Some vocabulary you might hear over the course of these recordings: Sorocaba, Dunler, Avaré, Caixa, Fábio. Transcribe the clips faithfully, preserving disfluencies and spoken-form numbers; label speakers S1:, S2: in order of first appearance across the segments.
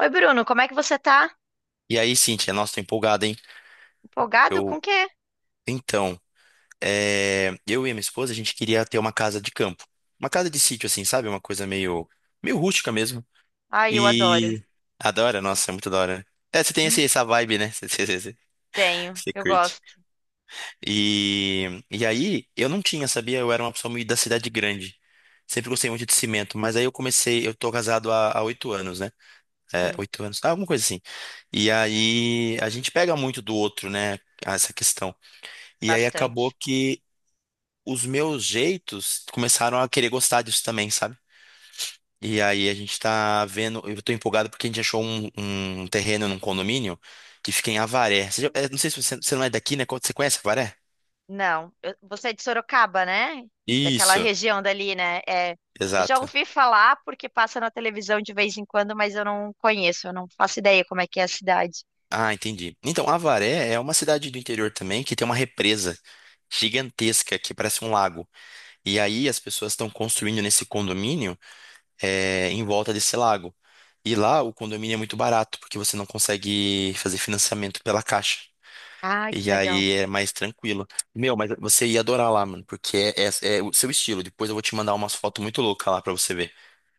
S1: Oi, Bruno, como é que você tá?
S2: E aí, Cíntia, nossa, tô empolgado, hein?
S1: Empolgado com o
S2: Eu,
S1: quê?
S2: então, é, eu e a minha esposa, a gente queria ter uma casa de campo. Uma casa de sítio, assim, sabe? Uma coisa meio, meio rústica mesmo.
S1: Ai, eu adoro.
S2: E adora, nossa, é muito da hora. É, você tem
S1: Hum,
S2: esse, essa vibe, né? Você, você, você,
S1: Tenho,
S2: você
S1: eu
S2: curte.
S1: gosto.
S2: E, e aí, eu não tinha, sabia? Eu era uma pessoa muito da cidade grande. Sempre gostei muito de cimento, mas aí eu comecei, eu tô casado há há oito anos, né? É,
S1: Sim,
S2: oito anos, alguma coisa assim. E aí, a gente pega muito do outro, né? Essa questão. E aí acabou
S1: bastante.
S2: que os meus jeitos começaram a querer gostar disso também, sabe? E aí a gente tá vendo, eu tô empolgado porque a gente achou um, um terreno num condomínio que fica em Avaré. Você já- é, não sei se você, você não é daqui, né? Você conhece Avaré?
S1: Não, eu- você é de Sorocaba, né? Daquela
S2: Isso,
S1: região dali, né? É, eu já
S2: exato.
S1: ouvi falar porque passa na televisão de vez em quando, mas eu não conheço, eu não faço ideia como é que é a cidade.
S2: Ah, entendi. Então, Avaré é uma cidade do interior também que tem uma represa gigantesca que parece um lago. E aí as pessoas estão construindo nesse condomínio é, em volta desse lago. E lá o condomínio é muito barato, porque você não consegue fazer financiamento pela Caixa.
S1: Ai, que
S2: E
S1: legal.
S2: aí é mais tranquilo. Meu, mas você ia adorar lá, mano, porque é, é- é o seu estilo. Depois eu vou te mandar umas fotos muito loucas lá pra você ver.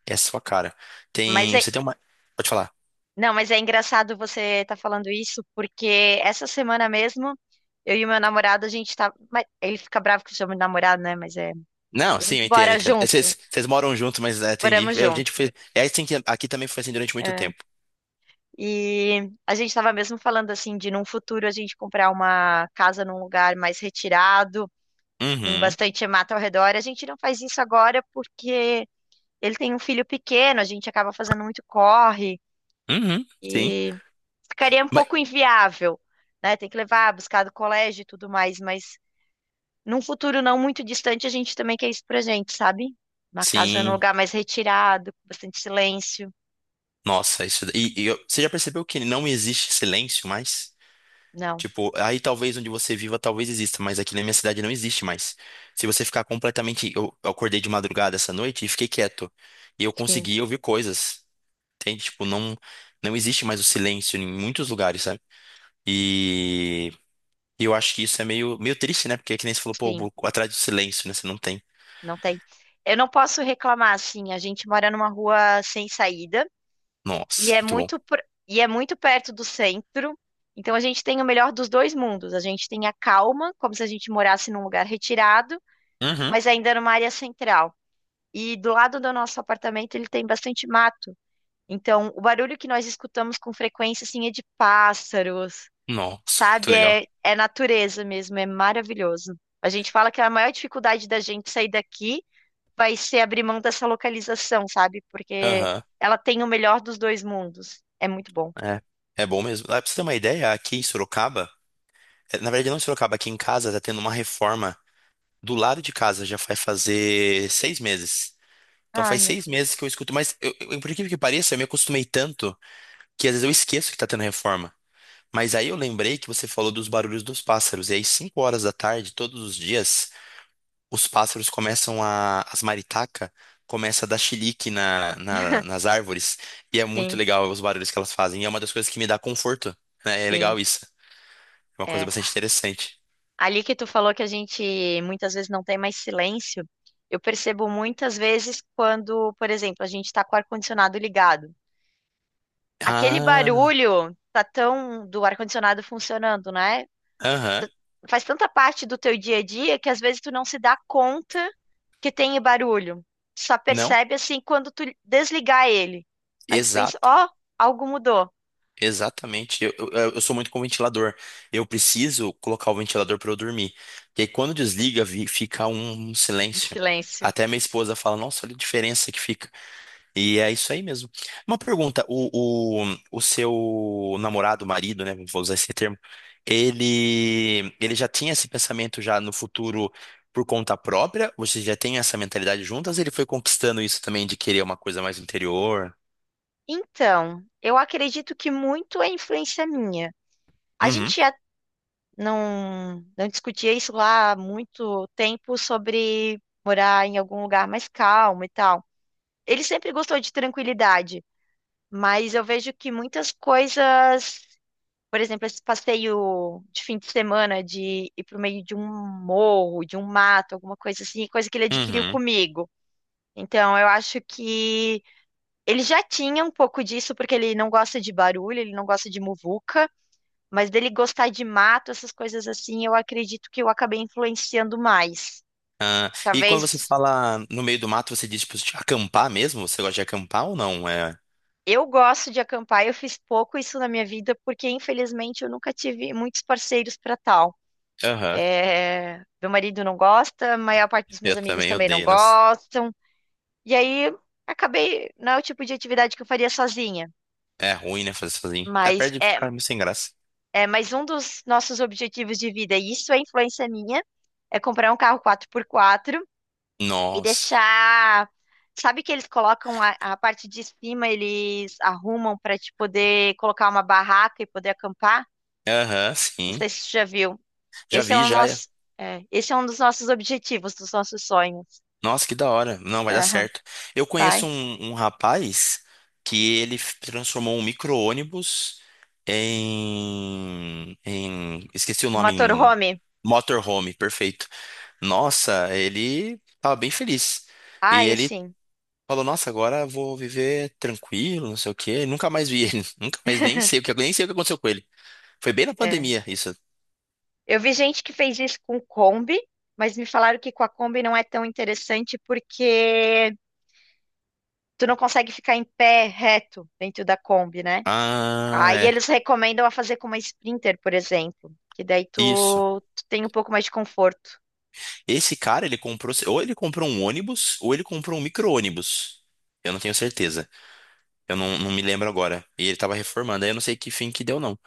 S2: É a sua cara.
S1: Mas
S2: Tem.
S1: é,
S2: Você tem uma. Pode falar.
S1: não, mas é engraçado você estar falando isso, porque essa semana mesmo, eu e meu namorado, a gente tá, mas ele fica bravo que eu chamo de namorado, né? Mas é,
S2: Não,
S1: a
S2: sim, eu
S1: gente
S2: entendo, eu
S1: bora
S2: entendo. É,
S1: junto.
S2: Vocês vocês moram juntos, mas é, entendi.
S1: Moramos
S2: É, a gente
S1: junto.
S2: foi. É assim que aqui também foi assim durante muito
S1: É.
S2: tempo.
S1: E a gente estava mesmo falando assim de num futuro a gente comprar uma casa num lugar mais retirado, com
S2: Uhum.
S1: bastante mata ao redor. A gente não faz isso agora porque ele tem um filho pequeno, a gente acaba fazendo muito corre
S2: Uhum. Sim.
S1: e ficaria um
S2: Mas,
S1: pouco inviável, né? Tem que levar, buscar do colégio e tudo mais, mas num futuro não muito distante a gente também quer isso pra gente, sabe? Uma casa num
S2: sim.
S1: lugar mais retirado, com bastante silêncio.
S2: Nossa, isso. E, e eu- você já percebeu que não existe silêncio mais?
S1: Não,
S2: Tipo, aí talvez onde você viva, talvez exista, mas aqui na minha cidade não existe mais. Se você ficar completamente. Eu eu acordei de madrugada essa noite e fiquei quieto. E eu
S1: sim,
S2: consegui ouvir coisas. Entende? Tipo, não, não existe mais o silêncio em muitos lugares, sabe? E e eu acho que isso é meio, meio triste, né? Porque é que nem você falou, pô,
S1: sim.
S2: vou atrás do silêncio, né? Você não tem.
S1: Não tem. Eu não posso reclamar, assim, a gente mora numa rua sem saída e
S2: Nossa,
S1: é
S2: muito bom.
S1: muito pr- e é muito perto do centro. Então a gente tem o melhor dos dois mundos. A gente tem a calma, como se a gente morasse num lugar retirado,
S2: Uhum.
S1: mas ainda numa área central. E do lado do nosso apartamento ele tem bastante mato. Então o barulho que nós escutamos com frequência assim é de pássaros,
S2: Nossa, muito
S1: sabe?
S2: legal.
S1: É, é natureza mesmo, é maravilhoso. A gente fala que a maior dificuldade da gente sair daqui vai ser abrir mão dessa localização, sabe? Porque
S2: Aham,
S1: ela tem o melhor dos dois mundos. É muito bom.
S2: é. É bom mesmo. Ah, pra você ter uma ideia, aqui em Sorocaba, eh, na verdade não em Sorocaba, aqui em casa tá tendo uma reforma do lado de casa já vai fazer seis meses. Então
S1: Ai,
S2: faz
S1: meu
S2: seis meses
S1: Deus.
S2: que eu escuto, mas eu, eu, por incrível que pareça, eu me acostumei tanto que às vezes eu esqueço que tá tendo reforma. Mas aí eu lembrei que você falou dos barulhos dos pássaros, e aí cinco horas da tarde, todos os dias, os pássaros começam a, as maritacas começa a dar chilique na, na- nas árvores, e é muito
S1: Sim,
S2: legal os barulhos que elas fazem, e é uma das coisas que me dá conforto, né? É
S1: sim.
S2: legal isso, é uma coisa
S1: É.
S2: bastante interessante.
S1: Ali que tu falou que a gente muitas vezes não tem mais silêncio, eu percebo muitas vezes quando, por exemplo, a gente está com o ar-condicionado ligado. Aquele
S2: Ah,
S1: barulho tá tão do ar-condicionado funcionando, né?
S2: aham,
S1: T- Faz tanta parte do teu dia a dia que às vezes tu não se dá conta que tem barulho. Só
S2: não,
S1: percebe assim quando tu desligar ele. Aí tu pensa,
S2: exato.
S1: ó, algo mudou.
S2: Exatamente. Eu, eu, eu sou muito com ventilador. Eu preciso colocar o ventilador para eu dormir. E aí, quando desliga, vi- fica um, um
S1: Em
S2: silêncio.
S1: silêncio.
S2: Até minha esposa fala, nossa, olha a diferença que fica. E é isso aí mesmo. Uma pergunta, o, o, o seu namorado, marido, né? Vou usar esse termo. Ele, ele já tinha esse pensamento já no futuro por conta própria? Vocês já têm essa mentalidade juntas? Ele foi conquistando isso também de querer uma coisa mais interior?
S1: Então, eu acredito que muito é influência minha. A
S2: Uhum.
S1: gente já não, não discutia isso lá há muito tempo sobre morar em algum lugar mais calmo e tal. Ele sempre gostou de tranquilidade, mas eu vejo que muitas coisas. Por exemplo, esse passeio de fim de semana de ir pro meio de um morro, de um mato, alguma coisa assim, é coisa que ele adquiriu
S2: Uhum.
S1: comigo. Então, eu acho que ele já tinha um pouco disso, porque ele não gosta de barulho, ele não gosta de muvuca, mas dele gostar de mato, essas coisas assim, eu acredito que eu acabei influenciando mais.
S2: Ah, e quando você
S1: Talvez
S2: fala no meio do mato, você diz, tipo, de acampar mesmo? Você gosta de acampar ou não? É.
S1: eu gosto de acampar, eu fiz pouco isso na minha vida, porque infelizmente eu nunca tive muitos parceiros para tal.
S2: Aham.
S1: É, meu marido não gosta, a maior parte dos
S2: Eu
S1: meus amigos
S2: também
S1: também não
S2: odeio, nossa.
S1: gostam. E aí acabei, não é o tipo de atividade que eu faria sozinha,
S2: É ruim, né, fazer sozinho. Até
S1: mas
S2: perde de
S1: é,
S2: ficar meio sem graça.
S1: é mais um dos nossos objetivos de vida, e isso é influência minha, é comprar um carro quatro por quatro e
S2: Nossa.
S1: deixar. Sabe que eles colocam a, a parte de cima, eles arrumam para te poder colocar uma barraca e poder acampar?
S2: Aham,
S1: Não
S2: sim.
S1: sei se você já viu.
S2: Já
S1: Esse é
S2: vi,
S1: o
S2: já.
S1: nosso, é, esse é um dos nossos objetivos, dos nossos sonhos.
S2: Nossa, que da hora. Não, vai dar certo. Eu conheço
S1: Vai.
S2: um, um rapaz que ele f- transformou um micro-ônibus em, em... Esqueci o
S1: O
S2: nome, em
S1: motorhome.
S2: motorhome, perfeito. Nossa, ele tava bem feliz. E
S1: Ai,
S2: ele
S1: assim,
S2: falou, nossa, agora eu vou viver tranquilo, não sei o quê. Nunca mais vi ele. Nunca mais nem sei o que, nem sei o que aconteceu com ele. Foi bem na
S1: é.
S2: pandemia, isso.
S1: Eu vi gente que fez isso com Kombi, mas me falaram que com a Kombi não é tão interessante porque tu não consegue ficar em pé reto dentro da Kombi, né?
S2: Ah,
S1: Aí
S2: é.
S1: eles recomendam a fazer com uma Sprinter, por exemplo, que daí
S2: Isso.
S1: tu, tu tem um pouco mais de conforto.
S2: Esse cara, ele comprou, ou ele comprou um ônibus, ou ele comprou um micro-ônibus. Eu não tenho certeza. Eu não, não me lembro agora. E ele tava reformando, aí eu não sei que fim que deu, não.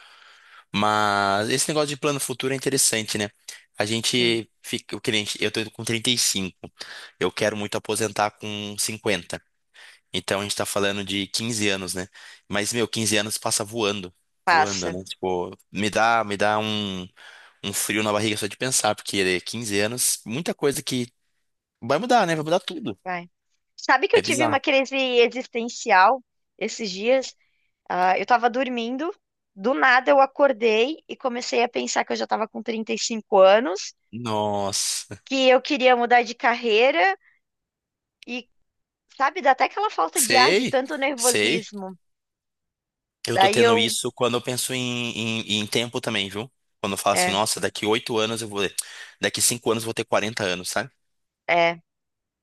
S2: Mas esse negócio de plano futuro é interessante, né? A
S1: Sim,
S2: gente fica, o cliente, eu tô com trinta e cinco. Eu quero muito aposentar com cinquenta. Então a gente tá falando de quinze anos, né? Mas, meu, quinze anos passa voando, voando,
S1: passa.
S2: né? Tipo, me dá, me dá um, um frio na barriga só de pensar, porque é quinze anos, muita coisa que vai mudar, né? Vai mudar tudo.
S1: Vai. Sabe que eu
S2: É
S1: tive uma
S2: bizarro.
S1: crise existencial esses dias? Ah, eu tava dormindo, do nada eu acordei e comecei a pensar que eu já tava com trinta e cinco anos,
S2: Nossa,
S1: que eu queria mudar de carreira e, sabe, dá até aquela falta de ar de
S2: sei,
S1: tanto
S2: sei.
S1: nervosismo.
S2: Eu tô
S1: Daí
S2: tendo
S1: eu,
S2: isso quando eu penso em, em, em tempo também, viu? Quando eu falo assim,
S1: é,
S2: nossa, daqui oito anos eu vou. Daqui cinco anos eu vou ter quarenta anos, sabe?
S1: é.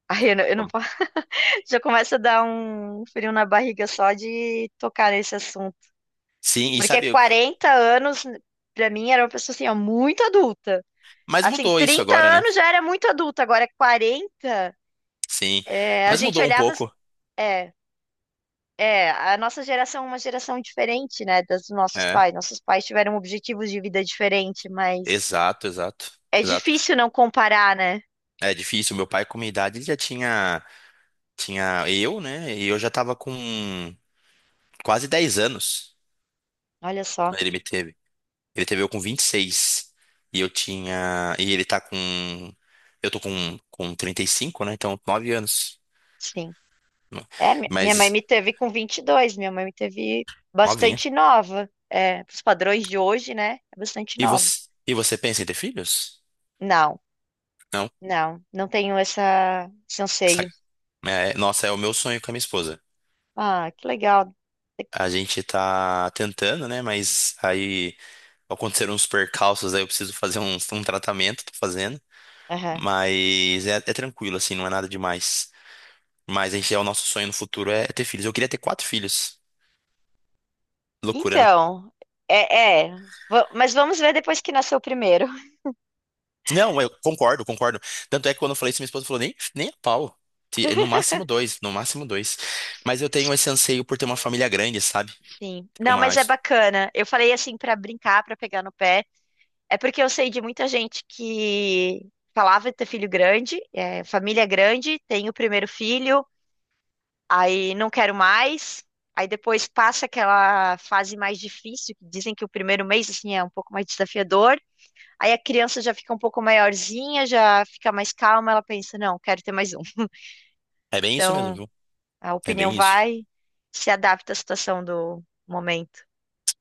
S1: Aí eu não, eu não posso. Já começa a dar um frio na barriga só de tocar nesse assunto.
S2: Sim, e
S1: Porque
S2: sabe, eu-
S1: quarenta anos, pra mim, era uma pessoa assim, ó, muito adulta.
S2: mas
S1: Assim,
S2: mudou isso
S1: trinta
S2: agora, né?
S1: anos já era muito adulta, agora quarenta,
S2: Sim,
S1: é, a
S2: mas
S1: gente
S2: mudou um
S1: olhava.
S2: pouco.
S1: É, é, a nossa geração é uma geração diferente, né, das dos nossos
S2: É.
S1: pais. Nossos pais tiveram objetivos de vida diferente, mas
S2: Exato, exato,
S1: é
S2: exato.
S1: difícil não comparar, né?
S2: É difícil. Meu pai, com minha idade, ele já tinha, tinha eu, né? E eu já tava com quase dez anos
S1: Olha só,
S2: quando ele me teve. Ele teve eu com vinte e seis e eu tinha. E ele tá com. Eu tô com, com trinta e cinco, né? Então, nove anos.
S1: sim. É, mi- minha mãe
S2: Mas,
S1: me teve com vinte e dois. Minha mãe me teve
S2: novinha.
S1: bastante nova. É, os padrões de hoje, né, é bastante
S2: E
S1: nova.
S2: você, e você pensa em ter filhos?
S1: Não,
S2: Não.
S1: não, não tenho essa, esse
S2: Sabe?
S1: anseio.
S2: É, nossa, é o meu sonho com a minha esposa.
S1: Ah, que legal.
S2: A gente tá tentando, né? Mas aí. Aconteceram uns percalços, aí eu preciso fazer um, um tratamento, tô fazendo.
S1: Aham.
S2: Mas é, é tranquilo, assim, não é nada demais. Mas a gente, é o nosso sonho no futuro é é ter filhos. Eu queria ter quatro filhos. Loucura, né?
S1: Então, é, é, va- mas vamos ver depois que nasceu o primeiro.
S2: Não, eu concordo, concordo. Tanto é que quando eu falei isso, minha esposa falou, nem, nem a pau. Se- No máximo dois, no máximo dois. Mas eu tenho esse anseio por ter uma família grande, sabe?
S1: Sim.
S2: Ter
S1: Não,
S2: uma...
S1: mas é bacana. Eu falei assim pra brincar, pra pegar no pé. É porque eu sei de muita gente que falava de ter filho grande, é, família grande, tem o primeiro filho, aí não quero mais. Aí depois passa aquela fase mais difícil, que dizem que o primeiro mês assim é um pouco mais desafiador. Aí a criança já fica um pouco maiorzinha, já fica mais calma, ela pensa, não, quero ter mais um.
S2: É bem isso mesmo,
S1: Então,
S2: viu?
S1: a
S2: É
S1: opinião
S2: bem isso.
S1: vai, se adapta à situação do momento.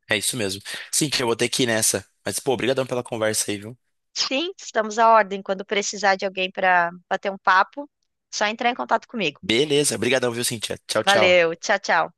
S2: É isso mesmo. Sim, que eu vou ter que ir nessa. Mas, pô, obrigadão pela conversa aí, viu?
S1: Sim, estamos à ordem. Quando precisar de alguém para bater um papo, só entrar em contato comigo.
S2: Beleza, obrigadão, viu, Cintia? Tchau, tchau.
S1: Valeu, tchau, tchau.